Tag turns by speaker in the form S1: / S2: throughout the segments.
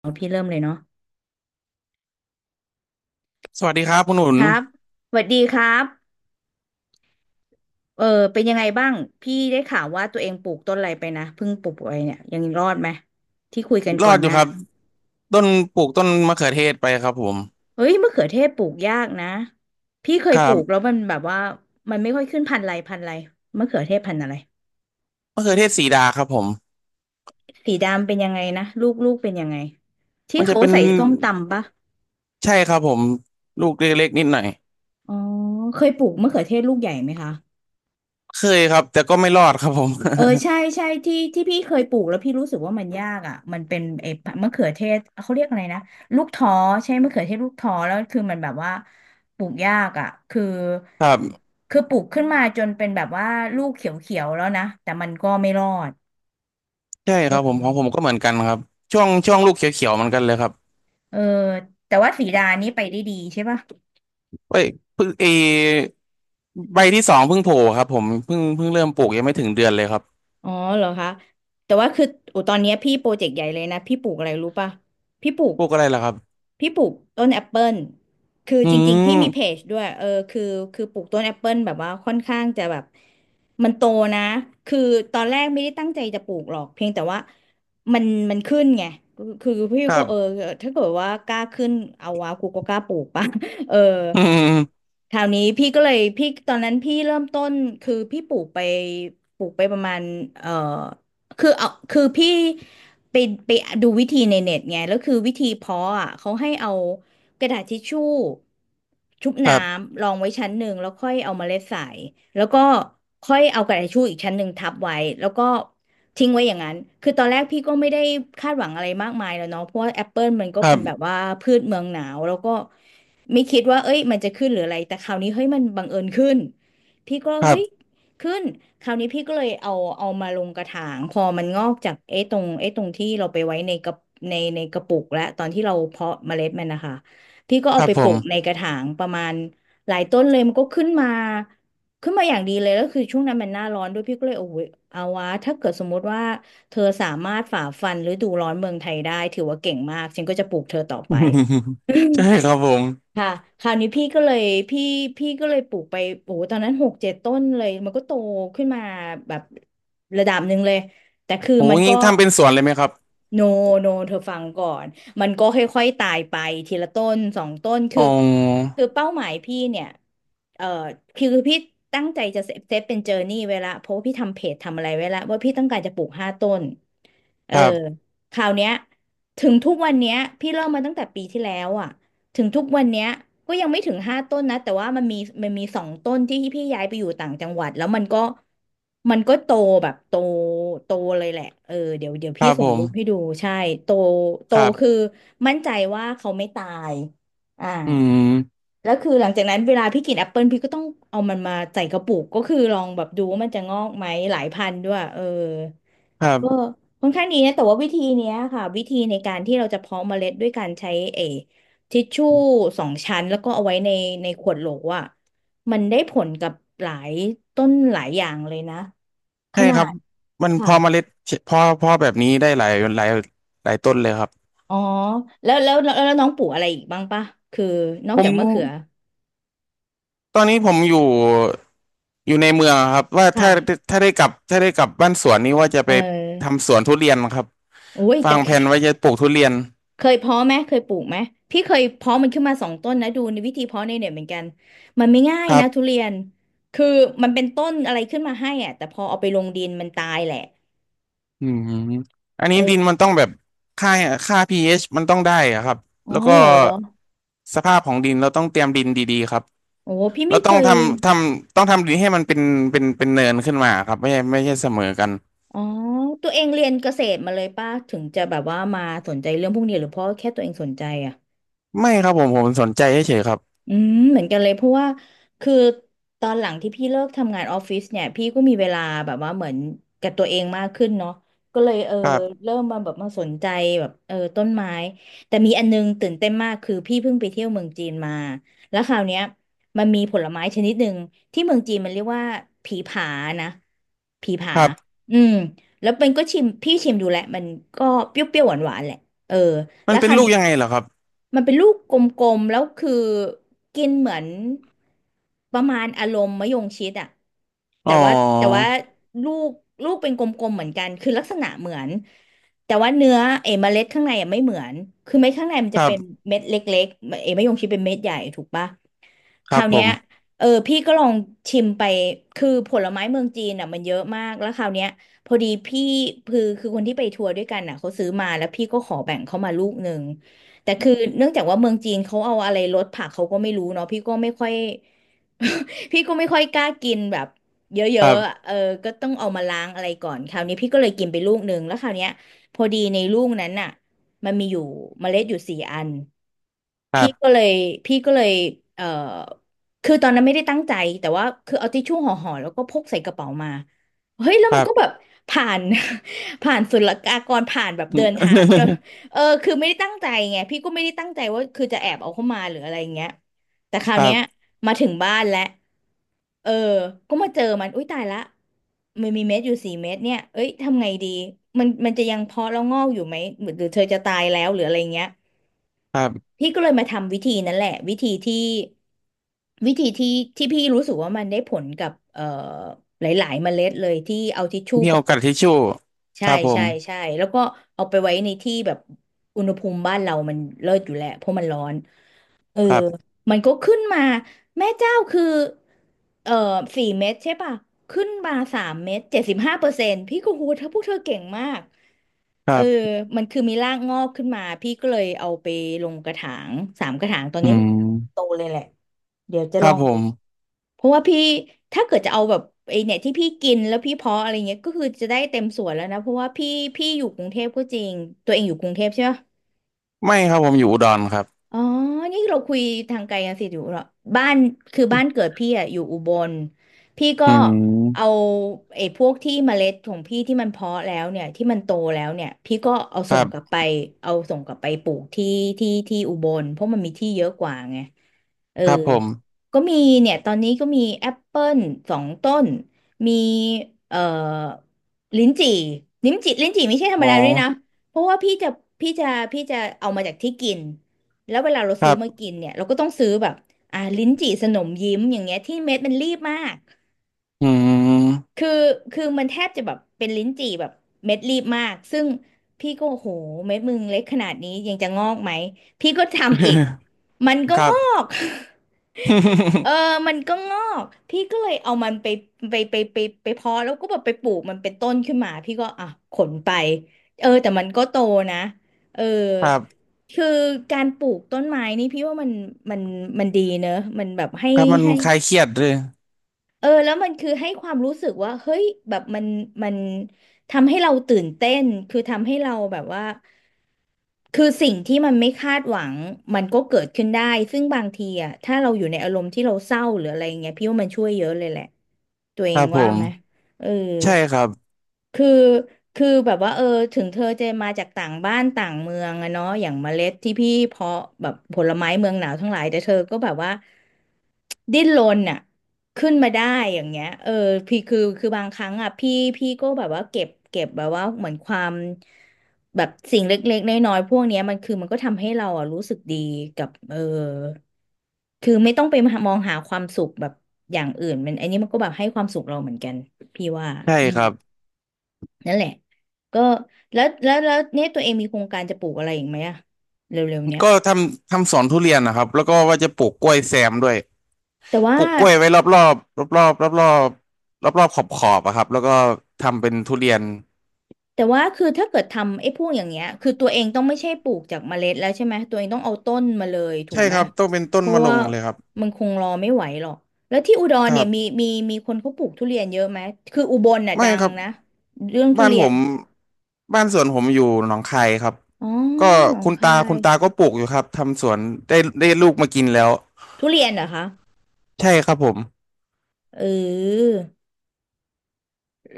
S1: เอาพี่เริ่มเลยเนาะ
S2: สวัสดีครับคุณหนุน
S1: ครับสวัสดีครับเออเป็นยังไงบ้างพี่ได้ข่าวว่าตัวเองปลูกต้นอะไรไปนะเพิ่งปลูกไปเนี่ยยังรอดไหมที่คุยกัน
S2: ร
S1: ก่อ
S2: อด
S1: น
S2: อ
S1: ห
S2: ยู่
S1: น้า
S2: ครับต้นปลูกต้นมะเขือเทศไปครับผม
S1: เฮ้ยมะเขือเทศปลูกยากนะพี่เค
S2: ค
S1: ย
S2: รั
S1: ปลูกแล้ว
S2: บ
S1: มันแบบว่ามันไม่ค่อยขึ้นพันธุ์อะไรพันธุ์อะไรมะเขือเทศพันธุ์อะไร
S2: มะเขือเทศสีดาครับผม
S1: สีดำเป็นยังไงนะลูกลูกเป็นยังไงที่
S2: มันจะ
S1: เขา
S2: เป็น
S1: ใส่ส้มตำปะ
S2: ใช่ครับผมลูกเล็กๆนิดหน่อย
S1: อ๋อเคยปลูกมะเขือเทศลูกใหญ่ไหมคะ
S2: เคยครับแต่ก็ไม่รอดครับผม
S1: เออใช่ใช่ที่ที่พี่เคยปลูกแล้วพี่รู้สึกว่ามันยากอ่ะมันเป็นไอ้มะเขือเทศเขาเรียกอะไรนะลูกท้อใช่มะเขือเทศลูกท้อแล้วคือมันแบบว่าปลูกยากอ่ะคือ
S2: ครับ
S1: คือปลูกขึ้นมาจนเป็นแบบว่าลูกเขียวๆแล้วนะแต่มันก็ไม่รอด
S2: ใช่ค
S1: เอ
S2: รับผ
S1: อ
S2: มของผมก็เหมือนกันครับช่วงลูกเขียวๆเหมือนกันเลยครับ
S1: เออแต่ว่าสีดานี่ไปได้ดีใช่ป่ะ
S2: เอ้ยเพิ่งเอใบที่สองเพิ่งโผล่ครับผมเพิ่งเริ่มปลูกยังไม่ถึงเดือนเลยครับ
S1: อ๋อเหรอคะแต่ว่าคือโอ้ตอนเนี้ยพี่โปรเจกต์ใหญ่เลยนะพี่ปลูกอะไรรู้ป่ะพี่ปลูก
S2: ปลูกอะไรล่ะครับ
S1: พี่ปลูกต้นแอปเปิลคือ
S2: อื
S1: จริงๆพี่มีเพ
S2: ม
S1: จด้วยคือปลูกต้นแอปเปิลแบบว่าค่อนข้างจะแบบมันโตนะคือตอนแรกไม่ได้ตั้งใจจะปลูกหรอกเพียงแต่ว่ามันมันขึ้นไงคือพี่
S2: ครั
S1: ก็
S2: บ
S1: ถ้าเกิดว่ากล้าขึ้นเอาวะกูก็กล้าปลูกป่ะ เออ
S2: อืม
S1: คราวนี้พี่ก็เลยพี่ตอนนั้นพี่เริ่มต้นคือพี่ปลูกไปประมาณเอ่อ คือเอาคือพี่ไปไปดูวิธีในเน็ตไงแล้วคือวิธีเพาะอ่ะเขาให้เอากระดาษทิชชู่ชุบ
S2: ค
S1: น้
S2: รับ
S1: ำรองไว้ชั้นหนึ่งแล้วค่อยเอาเมล็ดใส่แล้วก็ค่อยเอากระดาษทิชชู่อีกชั้นหนึ่งทับไว้แล้วก็ทิ้งไว้อย่างนั้นคือตอนแรกพี่ก็ไม่ได้คาดหวังอะไรมากมายแล้วเนาะเพราะว่าแอปเปิลมันก็
S2: ครั
S1: เป็นแบบ
S2: บ
S1: ว่าพืชเมืองหนาวแล้วก็ไม่คิดว่าเอ้ยมันจะขึ้นหรืออะไรแต่คราวนี้เฮ้ยมันบังเอิญขึ้นพี่ก็
S2: ครั
S1: เฮ้ย
S2: บ
S1: ขึ้นคราวนี้พี่ก็เลยเอามาลงกระถาง พอมันงอกจากไอ้ตรงที่เราไปไว้ในกระปุกและตอนที่เราเพาะเมล็ดมันนะคะ พี่ก็
S2: ค
S1: เอา
S2: รับครั
S1: ไป
S2: บผ
S1: ปลู
S2: ม
S1: กในกระถางประมาณหลายต้นเลยมันก็ขึ้นมาอย่างดีเลย แล้วคือช่วงนั้นมันหน้าร้อนด้วยพี่ก็เลยโอ้ยเอาวะถ้าเกิดสมมุติว่าเธอสามารถฝ่าฟันฤดูร้อนเมืองไทยได้ถือว่าเก่งมากฉันก็จะปลูกเธอต่อ
S2: อื
S1: ไป
S2: มใช่ครับผม
S1: ค่ะ คราวนี้พี่ก็เลยพี่พี่ก็เลยปลูกไปโอ้โหตอนนั้น6-7 ต้นเลย มันก็โตขึ้นมาแบบระดับหนึ่งเลย แต่คือ
S2: โอ้
S1: มันก็
S2: งี้ทำเป็นสวนเลยไหมครับ
S1: โนโนเธอฟังก่อน มันก็ค่อยๆตายไปทีละต้นสองต้นคื
S2: อ๋
S1: อ
S2: อ
S1: เป้าหมายพี่เนี่ยเอ่อคือพี่ตั้งใจจะเซฟเป็นเจอร์นี่ไว้ละ เพราะว่าพี่ทำเพจทำอะไรไว้ละ ว่าพี่ต้องการจะปลูก5 ต้น เอ
S2: ค
S1: อ
S2: รับ
S1: คราวเนี้ยถึงทุกวันเนี้ยพี่เริ่มมาตั้งแต่ปีที่แล้วอ่ะ ถึงทุกวันเนี้ยก็ยังไม่ถึง5 ต้นนะแต่ว่ามันมีสองต้นที่พี่ย้ายไปอยู่ต่างจังหวัดแล้วมันก็โตแบบโตโตเลยแหละเดี๋ยวเดี๋ยว
S2: ค
S1: พี่
S2: รับ
S1: ส่
S2: ผ
S1: งรูปให้
S2: ม
S1: ดูใช่โตโต
S2: ครั
S1: คือ
S2: บ
S1: มั่นใจว่าเขาไม่ตายอ่า
S2: อืม
S1: แล้วคือหลังจากนั้นเวลาพี่กินแอปเปิลพี่ก็ต้องเอามันมาใส่กระปุกก็คือลองแบบดูว่ามันจะงอกไหมหลายพันด้วย
S2: ครั
S1: เออ
S2: บ
S1: ค่อนข้างดีนะแต่ว่าวิธีเนี้ยค่ะวิธีในการที่เราจะเพาะเมล็ดด้วยการใช้เออทิชชู่2 ชั้นแล้วก็เอาไว้ในขวดโหลอ่ะมันได้ผลกับหลายต้นหลายอย่างเลยนะข
S2: ใช่
S1: นา
S2: ครับ
S1: ด
S2: มันพ
S1: ค่ะ
S2: อเมล็ดพอแบบนี้ได้หลายหลายหลายต้นเลยครับ
S1: อ๋อแล้วน้องปลูกอะไรอีกบ้างปะคือนอก
S2: ผม
S1: จากมะเขือ
S2: ตอนนี้ผมอยู่อยู่ในเมืองครับว่าถ้า
S1: ค่ะ
S2: ถ้าได้กลับบ้านสวนนี้ว่าจะ
S1: เอ
S2: ไป
S1: อ
S2: ทำสวนทุเรียนครับ
S1: โอ้ยแต่
S2: วางแผนไว้จะปลูกทุเรียน
S1: เคยเพาะไหมเคยปลูกไหมพี่เคยเพาะมันขึ้นมาสองต้นนะดูในวิธีเพาะในเน็ตเหมือนกันมันไม่ง่าย
S2: ครั
S1: นะ
S2: บ
S1: ทุเรียนคือมันเป็นต้นอะไรขึ้นมาให้อ่ะแต่พอเอาไปลงดินมันตายแหละ
S2: อืมอันนี้ดิน
S1: เออ
S2: มันต้องแบบค่าค่า pH มันต้องได้อะครับ
S1: อ๋อ
S2: แล้วก็
S1: เหรอ
S2: สภาพของดินเราต้องเตรียมดินดีๆครับ
S1: โอ้พี่
S2: เรา
S1: ไม่เค
S2: ต้อง
S1: ย
S2: ต้องทำดินให้มันเป็นเป็นเนินขึ้นมาครับไม่ใช่เสมอกัน
S1: อ๋อตัวเองเรียนเกษตรมาเลยป่ะถึงจะแบบว่ามาสนใจเรื่องพวกนี้หรือเพราะแค่ตัวเองสนใจอ่ะ
S2: ไม่ครับผมสนใจเฉยๆครับ
S1: อืมเหมือนกันเลยเพราะว่าคือตอนหลังที่พี่เลิกทำงานออฟฟิศเนี่ยพี่ก็มีเวลาแบบว่าเหมือนกับตัวเองมากขึ้นเนาะก็เลย
S2: ครับ
S1: เริ่มมาแบบมาสนใจแบบต้นไม้แต่มีอันนึงตื่นเต้นมากคือพี่เพิ่งไปเที่ยวเมืองจีนมาแล้วคราวเนี้ยมันมีผลไม้ชนิดหนึ่งที่เมืองจีนมันเรียกว่าผีผานะผีผา
S2: ครับ
S1: อืมแล้วเป็นก็ชิมพี่ชิมดูแหละมันก็เปรี้ยวๆหวานๆแหละเออ
S2: มั
S1: แล้
S2: น
S1: ว
S2: เป็
S1: ค
S2: น
S1: ราว
S2: ลูก
S1: นี้
S2: ยังไงเหรอครับ
S1: มันเป็นลูกกลมๆแล้วคือกินเหมือนประมาณอารมณ์มะยงชิดอะ
S2: อ๋
S1: แต่ว่าแต่
S2: อ
S1: ว่าลูกลูกเป็นกลมๆเหมือนกันคือลักษณะเหมือนแต่ว่าเนื้อเอเมล็ดข้างในอะไม่เหมือนคือเม็ดข้างในมัน
S2: ค
S1: จะ
S2: รั
S1: เป็น
S2: บ
S1: เม็ดเล็กๆเอมะยงชิดเป็นเม็ดใหญ่ถูกปะ
S2: ค
S1: ค
S2: รั
S1: รา
S2: บ
S1: ว
S2: ผ
S1: เนี้ย
S2: ม
S1: พี่ก็ลองชิมไปคือผลไม้เมืองจีนอ่ะมันเยอะมากแล้วคราวเนี้ยพอดีพี่คือคนที่ไปทัวร์ด้วยกันอ่ะเขาซื้อมาแล้วพี่ก็ขอแบ่งเขามาลูกหนึ่งแต่คือเนื่องจากว่าเมืองจีนเขาเอาอะไรลดผักเขาก็ไม่รู้เนาะพี่ก็ไม่ค่อย พี่ก็ไม่ค่อยกล้ากินแบบเยอะๆ
S2: ครั
S1: อะ
S2: บ
S1: เออก็ต้องเอามาล้างอะไรก่อนคราวนี้พี่ก็เลยกินไปลูกหนึ่งแล้วคราวเนี้ยพอดีในลูกนั้นน่ะมันมีอยู่เมล็ดอยู่4 อัน
S2: ครั
S1: พี่ก็
S2: บ
S1: เลยพี่ก็เลยเอ่อคือตอนนั้นไม่ได้ตั้งใจแต่ว่าคือเอาทิชชู่ห่อแล้วก็พกใส่กระเป๋ามาเฮ้ยแล้ว
S2: ค
S1: มั
S2: รั
S1: น
S2: บ
S1: ก็แบบผ่าน ผ่านศุลกากรผ่านแบบเดินทางจน คือไม่ได้ตั้งใจไงพี่ก็ไม่ได้ตั้งใจว่าคือจะแอบเอาเข้ามาหรืออะไรอย่างเงี้ยแต่คราว
S2: ครั
S1: เนี้ย
S2: บ
S1: มาถึงบ้านแล้วเออก็มาเจอมันอุ้ยตายละมันมีเม็ดอยู่สี่เม็ดเนี่ยเอ้ยทำไงดีมันจะยังเพาะแล้วงอกอยู่ไหมหรือเธอจะตายแล้วหรืออะไรเงี้ย
S2: ครับ
S1: พี่ก็เลยมาทำวิธีนั้นแหละวิธีที่ที่พี่รู้สึกว่ามันได้ผลกับหลายๆเมล็ดเลยที่เอาทิชชู่
S2: มี
S1: ประ
S2: เอา
S1: ก
S2: กระ
S1: บ
S2: ดาษทิชชู่ค
S1: ใช่
S2: รับผ
S1: ใช่
S2: ม
S1: ใช่แล้วก็เอาไปไว้ในที่แบบอุณหภูมิบ้านเรามันเลิศอยู่แหละเพราะมันร้อน เออ
S2: ครับ
S1: มันก็ขึ้นมาแม่เจ้าคือเออสี่เม็ดใช่ป่ะขึ้นมา3 เม็ด75%พี่ก็หูเธอพวกเธอเก่งมาก
S2: ค
S1: เออ
S2: รับ
S1: มันคือมีรากงอกขึ้นมาพี่ก็เลยเอาไปลงกระถาง3 กระถางตอน
S2: อื
S1: นี้มัน
S2: ม
S1: โตเลยแหละเดี๋ยวจะ
S2: ค
S1: ล
S2: รั
S1: อ
S2: บ
S1: ง
S2: ผ
S1: ดู
S2: ม
S1: เพราะว่าพี่ถ้าเกิดจะเอาแบบไอเนี่ยที่พี่กินแล้วพี่เพาะอะไรเงี้ยก็คือจะได้เต็มสวนแล้วนะเพราะว่าพี่อยู่กรุงเทพก็จริงตัวเองอยู่กรุงเทพใช่ไหม
S2: ไม่ครับผมอยู่อุดรครับ
S1: อ๋อนี่เราคุยทางไกลกันสิอยู่เหรอบ้านคือบ้านเกิดพี่อะอยู่อุบลพี่ก็
S2: อื
S1: เอา
S2: ม
S1: ไอ้พวกที่เมล็ดของพี่ที่มันเพาะแล้วเนี่ยที่มันโตแล้วเนี่ยพี่ก็เอา
S2: ค
S1: ส่
S2: รั
S1: งกลับ
S2: บ
S1: ไปเอาส่งกลับไปปลูกที่ที่ที่อุบลเพราะมันมีที่เยอะกว่าไงเออ
S2: ครับผม
S1: ก็มีเนี่ยตอนนี้ก็มีแอปเปิล2 ต้น มีเอ่อลิ้นจี่ลิ้นจี่ไม่ใช่ธรรม
S2: อ๋อ
S1: ดาด้วยนะเพราะว่าพี่จะพี่จะเอามาจากที่กิน แล้วเวลาเรา
S2: ค
S1: ซื้
S2: รั
S1: อมา
S2: บ
S1: กินเนี่ยเราก็ต้องซื้อแบบอ่าลิ้นจี่สนมยิ้มอย่างเงี้ยที่เม็ดมันรีบมาก
S2: อืม
S1: คือคือมันแทบจะแบบเป็นลิ้นจี่แบบเม็ดรีบมากซึ่งพี่ก็โอ้โหเม็ดมึงเล็กขนาดนี้ยังจะงอกไหมพี่ก็ทำอีก มันก็
S2: ครั
S1: ง
S2: บ
S1: อก เออ มันก็งอก พี่ก็เลยเอามันไปเพาะแล้วก็แบบไปปลูกมันเป็นต้นขึ้นมาพี่ก็อ่ะขนไป แต่มันก็โตนะ เออ
S2: ครับ
S1: คือการปลูกต้นไม้นี่พี่ว่ามันมันมันดีเนอะ มันแบบให้
S2: ครับมัน
S1: ให้
S2: คลายเครียดด้วย
S1: แล้วมันคือให้ความรู้สึกว่าเฮ้ยแบบมันทำให้เราตื่นเต้นคือทำให้เราแบบว่าคือสิ่งที่มันไม่คาดหวังมันก็เกิดขึ้นได้ซึ่งบางทีอ่ะถ้าเราอยู่ในอารมณ์ที่เราเศร้าหรืออะไรเงี้ยพี่ว่ามันช่วยเยอะเลยแหละตัวเอ
S2: ค
S1: ง
S2: รับผ
S1: ว่า
S2: ม
S1: ไหมเออ
S2: ใช่ครับ
S1: คือคือแบบว่าถึงเธอจะมาจากต่างบ้านต่างเมืองอะเนาะอย่างเมล็ดที่พี่เพาะแบบผลไม้เมืองหนาวทั้งหลายแต่เธอก็แบบว่าดิ้นรนอะ ขึ้นมาได้อย่างเงี้ยพี่คือบางครั้งอ่ะพี่ก็แบบว่าเก็บแบบว่าเหมือนความแบบสิ่งเล็กๆน้อยๆพวกเนี้ยมันก็ทำให้เราอ่ะรู้สึกดีกับคือไม่ต้องไปมองหาความสุขแบบอย่างอื่นอันนี้มันก็แบบให้ความสุขเราเหมือนกันพี่ว่า
S2: ใช่
S1: อื
S2: ค
S1: ม
S2: รับ
S1: นั่นแหละก็แล้วเนี่ยตัวเองมีโครงการจะปลูกอะไรอีกไหมอะเร็วๆเนี้ย
S2: ก็สวนทุเรียนนะครับแล้วก็ว่าจะปลูกกล้วยแซมด้วย
S1: แต่ว่า
S2: ปลูกกล้วยไว้รอบรอบรอบรอบรอบรอบรอบรอบขอบขอบๆอะครับแล้วก็ทำเป็นทุเรียน
S1: คือถ้าเกิดทำไอ้พวกอย่างเงี้ยคือตัวเองต้องไม่ใช่ปลูกจากเมล็ดแล้วใช่ไหมตัวเองต้องเอาต้นมาเลยถู
S2: ใช่
S1: กไหม
S2: ครับต้องเป็นต้
S1: เพ
S2: น
S1: ราะ
S2: มะล
S1: ว่า
S2: งเลยครับ
S1: มันคงรอไม่ไหวหรอกแล้วที่อุดร
S2: ครั
S1: เนี่ย
S2: บ
S1: มีคนเขาปลูกทุเรียนเยอะไหมคืออุบลน่ะ
S2: ไม่
S1: ดั
S2: ค
S1: ง
S2: รับ
S1: นะเรื่องทุ
S2: บ้าน
S1: เรี
S2: ผ
S1: ยน
S2: มบ้านสวนผมอยู่หนองคายครับ
S1: อ๋อ
S2: ก็
S1: หนองคา
S2: คุ
S1: ย
S2: ณตาก็ปลูกอยู่ครับทำสวนได้ได้ลูกมากินแล้ว
S1: ทุเรียนเหรอคะ
S2: ใช่ครับผม
S1: เออ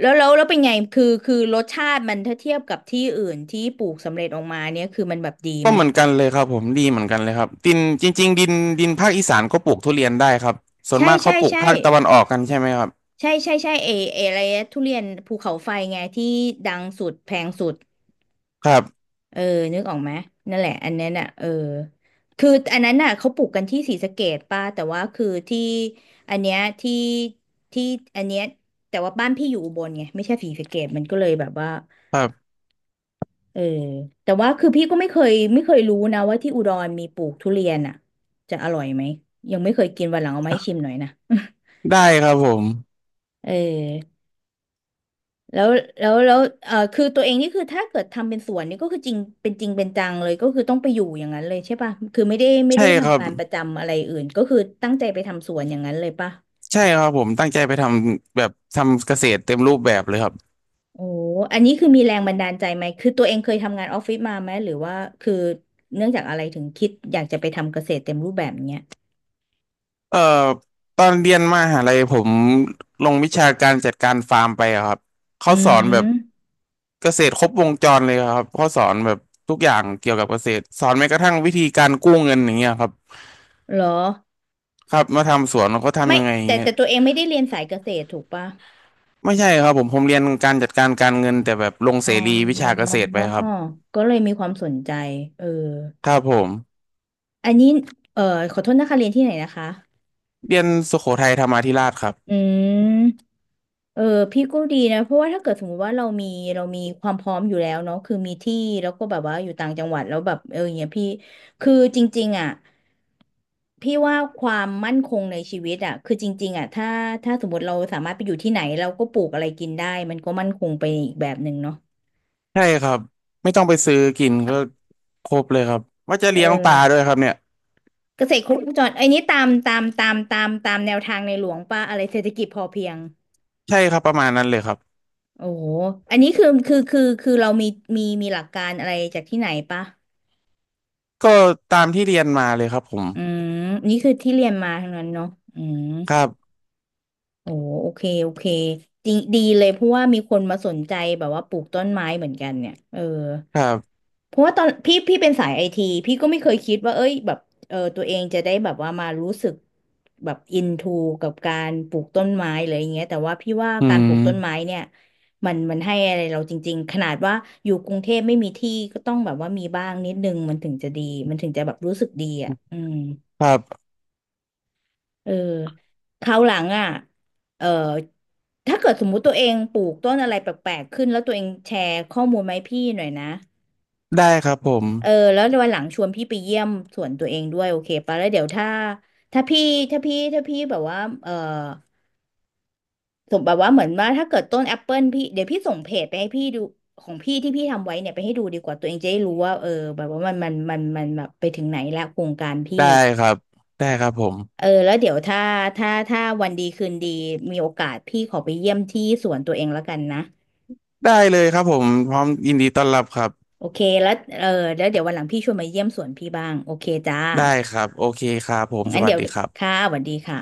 S1: แล้วเป็นไงคือรสชาติมันถ้าเทียบกับที่อื่นที่ปลูกสำเร็จออกมาเนี่ยคือมันแบบดี
S2: ก็
S1: ไหม
S2: เหมือนกันเลยครับผมดีเหมือนกันเลยครับดินจริงๆดินดินภาคอีสานก็ปลูกทุเรียนได้ครับส่วน
S1: ใช่
S2: มาก
S1: ใช่
S2: เขาปลูก
S1: ใช่
S2: ภาคตะวันออกกันใช่ไหมครับ
S1: ใช่ใช่ใช่เออะไรนะทุเรียนภูเขาไฟไงที่ดังสุดแพงสุด
S2: ครับ
S1: เออนึกออกไหมนั่นแหละอันนั้นอ่ะคืออันนั้นน่ะเขาปลูกกันที่ศรีสะเกษป่ะแต่ว่าคือที่อันเนี้ยที่อันเนี้ยแต่ว่าบ้านพี่อยู่อุบลไงไม่ใช่ศรีสะเกษมันก็เลยแบบว่า
S2: ครับ
S1: เออแต่ว่าคือพี่ก็ไม่เคยรู้นะว่าที่อุดรมีปลูกทุเรียนอ่ะจะอร่อยไหมยังไม่เคยกินวันหลังเอามาให้ชิมหน่อยนะ
S2: ได้ครับผม
S1: เออ แล้วแล้วคือตัวเองนี่คือถ้าเกิดทำเป็นสวนนี่ก็คือจริงเป็นจริงเป็นจังเลยก็คือต้องไปอยู่อย่างนั้นเลยใช่ป่ะ คือไม่ได้ไม่
S2: ใช่
S1: ได้
S2: ครั
S1: ทำ
S2: บ
S1: งานประจำอะไรอื่นก็คือตั้งใจไปทำสวนอย่างนั้นเลยป่ะ
S2: ใช่ครับผมตั้งใจไปทำแบบทำเกษตรเต็มรูปแบบเลยครับ
S1: โอ้อันนี้คือมีแรงบันดาลใจไหมคือตัวเองเคยทำงานออฟฟิศมาไหมหรือว่าคือเนื่องจากอะไรถึงคิดอยากจะไปทำเกษตรเต็มรูปแบบเนี้ย
S2: เอ่อตอนเรียนมหาลัยผมลงวิชาการจัดการฟาร์มไปอะครับ
S1: อื
S2: เขาสอนแบบ
S1: ม
S2: เกษตรครบวงจรเลยครับเขาสอนแบบทุกอย่างเกี่ยวกับเกษตรสอนแม้กระทั่งวิธีการกู้เงินอย่างเงี้ยครับ
S1: เหรอ
S2: ครับมาทำสวนเขา
S1: ไม่
S2: ทำยังไงอย่า
S1: แต่
S2: งเงี้ย
S1: ตัวเองไม่ได้เรียนสายเกษตรถูกป่ะ
S2: ไม่ใช่ครับผมเรียนการจัดการการเงินแต่แบบลง
S1: อ๋
S2: เสรีวิชา
S1: อ
S2: เกษตรไปครับ
S1: ก็เลยมีความสนใจเออ
S2: ครับผม
S1: อันนี้เอ่อขอโทษนะคะเรียนที่ไหนนะคะ
S2: เรียนสุโขทัยธรรมาธิราชครับ
S1: อืมเออพี่ก็ดีนะเพราะว่าถ้าเกิดสมมติว่าเรามีเรามีความพร้อมอยู่แล้วเนาะคือมีที่แล้วก็แบบว่าอยู่ต่างจังหวัดแล้วแบบอย่างเงี้ยพี่คือจริงๆอ่ะพี่ว่าความมั่นคงในชีวิตอ่ะคือจริงๆอ่ะถ้าสมมติเราสามารถไปอยู่ที่ไหนเราก็ปลูกอะไรกินได้มันก็มั่นคงไปอีกแบบหนึ่งเนาะ
S2: ใช่ครับไม่ต้องไปซื้อกินก็ครบเลยครับว่าจะ
S1: เอ
S2: เลี้ยงปลา
S1: อ
S2: ด้วยครับเนี่ย
S1: เกษตรครบวงจรไอ้นี้ตามแนวทางในหลวงป่ะอะไรเศรษฐกิจพอเพียง
S2: ใช่ครับประมาณนั้นเลยครับ
S1: โอ้โหอันนี้คือเรามีหลักการอะไรจากที่ไหนปะ
S2: ก็ตามที่เรียนมาเลยครับผม
S1: อืมนี่คือที่เรียนมาทั้งนั้นเนาะอืม
S2: ครับ
S1: โอ้โอเค โอเคดีดีเลยเพราะว่ามีคนมาสนใจแบบว่าปลูกต้นไม้เหมือนกันเนี่ยเออ
S2: ครับ
S1: เพราะว่าตอนพี่เป็นสายไอทีพี่ก็ไม่เคยคิดว่าเอ้ยแบบตัวเองจะได้แบบว่ามารู้สึกแบบอินทูกับการปลูกต้นไม้หรืออย่างเงี้ยแต่ว่าพี่ว่า
S2: อื
S1: การปลูกต้นไม้
S2: ม
S1: เนี่ยมันให้อะไรเราจริงๆขนาดว่าอยู่กรุงเทพไม่มีที่ก็ต้องแบบว่ามีบ้างนิดนึงมันถึงจะดีมันถึงจะแบบรู้สึกดีอ่ะอืม
S2: ครับ
S1: เออคราวหลังอ่ะเออถ้าเกิดสมมุติตัวเองปลูกต้นอะไรแปลกๆขึ้นแล้วตัวเองแชร์ข้อมูลมาให้พี่หน่อยนะ
S2: ได้ครับผม
S1: แล้ววันหลังชวนพี่ไปเยี่ยมสวนตัวเองด้วยโอเคปะแล้วเดี๋ยวถ้าถ้าพี่ถ้าพี่แบบว่าเออสมแบบว่าเหมือนว่าถ้าเกิดต้นแอปเปิลพี่เดี๋ยวพี่ส่งเพจไปให้พี่ดูของพี่ที่พี่ทำไว้เนี่ยไปให้ดูดีกว่าตัวเองจะได้รู้ว่าแบบว่ามันแบบไปถึงไหนแล้วโครงการพี่
S2: ได้ครับ ได้ครับผม
S1: แล้วเดี๋ยวถ้าถ้าวันดีคืนดีมีโอกาสพี่ขอไปเยี่ยมที่สวนตัวเองแล้วกันนะ
S2: ได้เลยครับผม พร้อมยินดีต้อนรับครับ
S1: โอเคแล้วเออแล้วเดี๋ยววันหลังพี่ชวนมาเยี่ยมสวนพี่บ้างโอเคจ้า
S2: ได้ครับ โอเคครับผมส
S1: งั้น
S2: วัส
S1: เดี๋ยว
S2: ดีครั
S1: ค่ะ
S2: บ
S1: สวัสดีค่ะ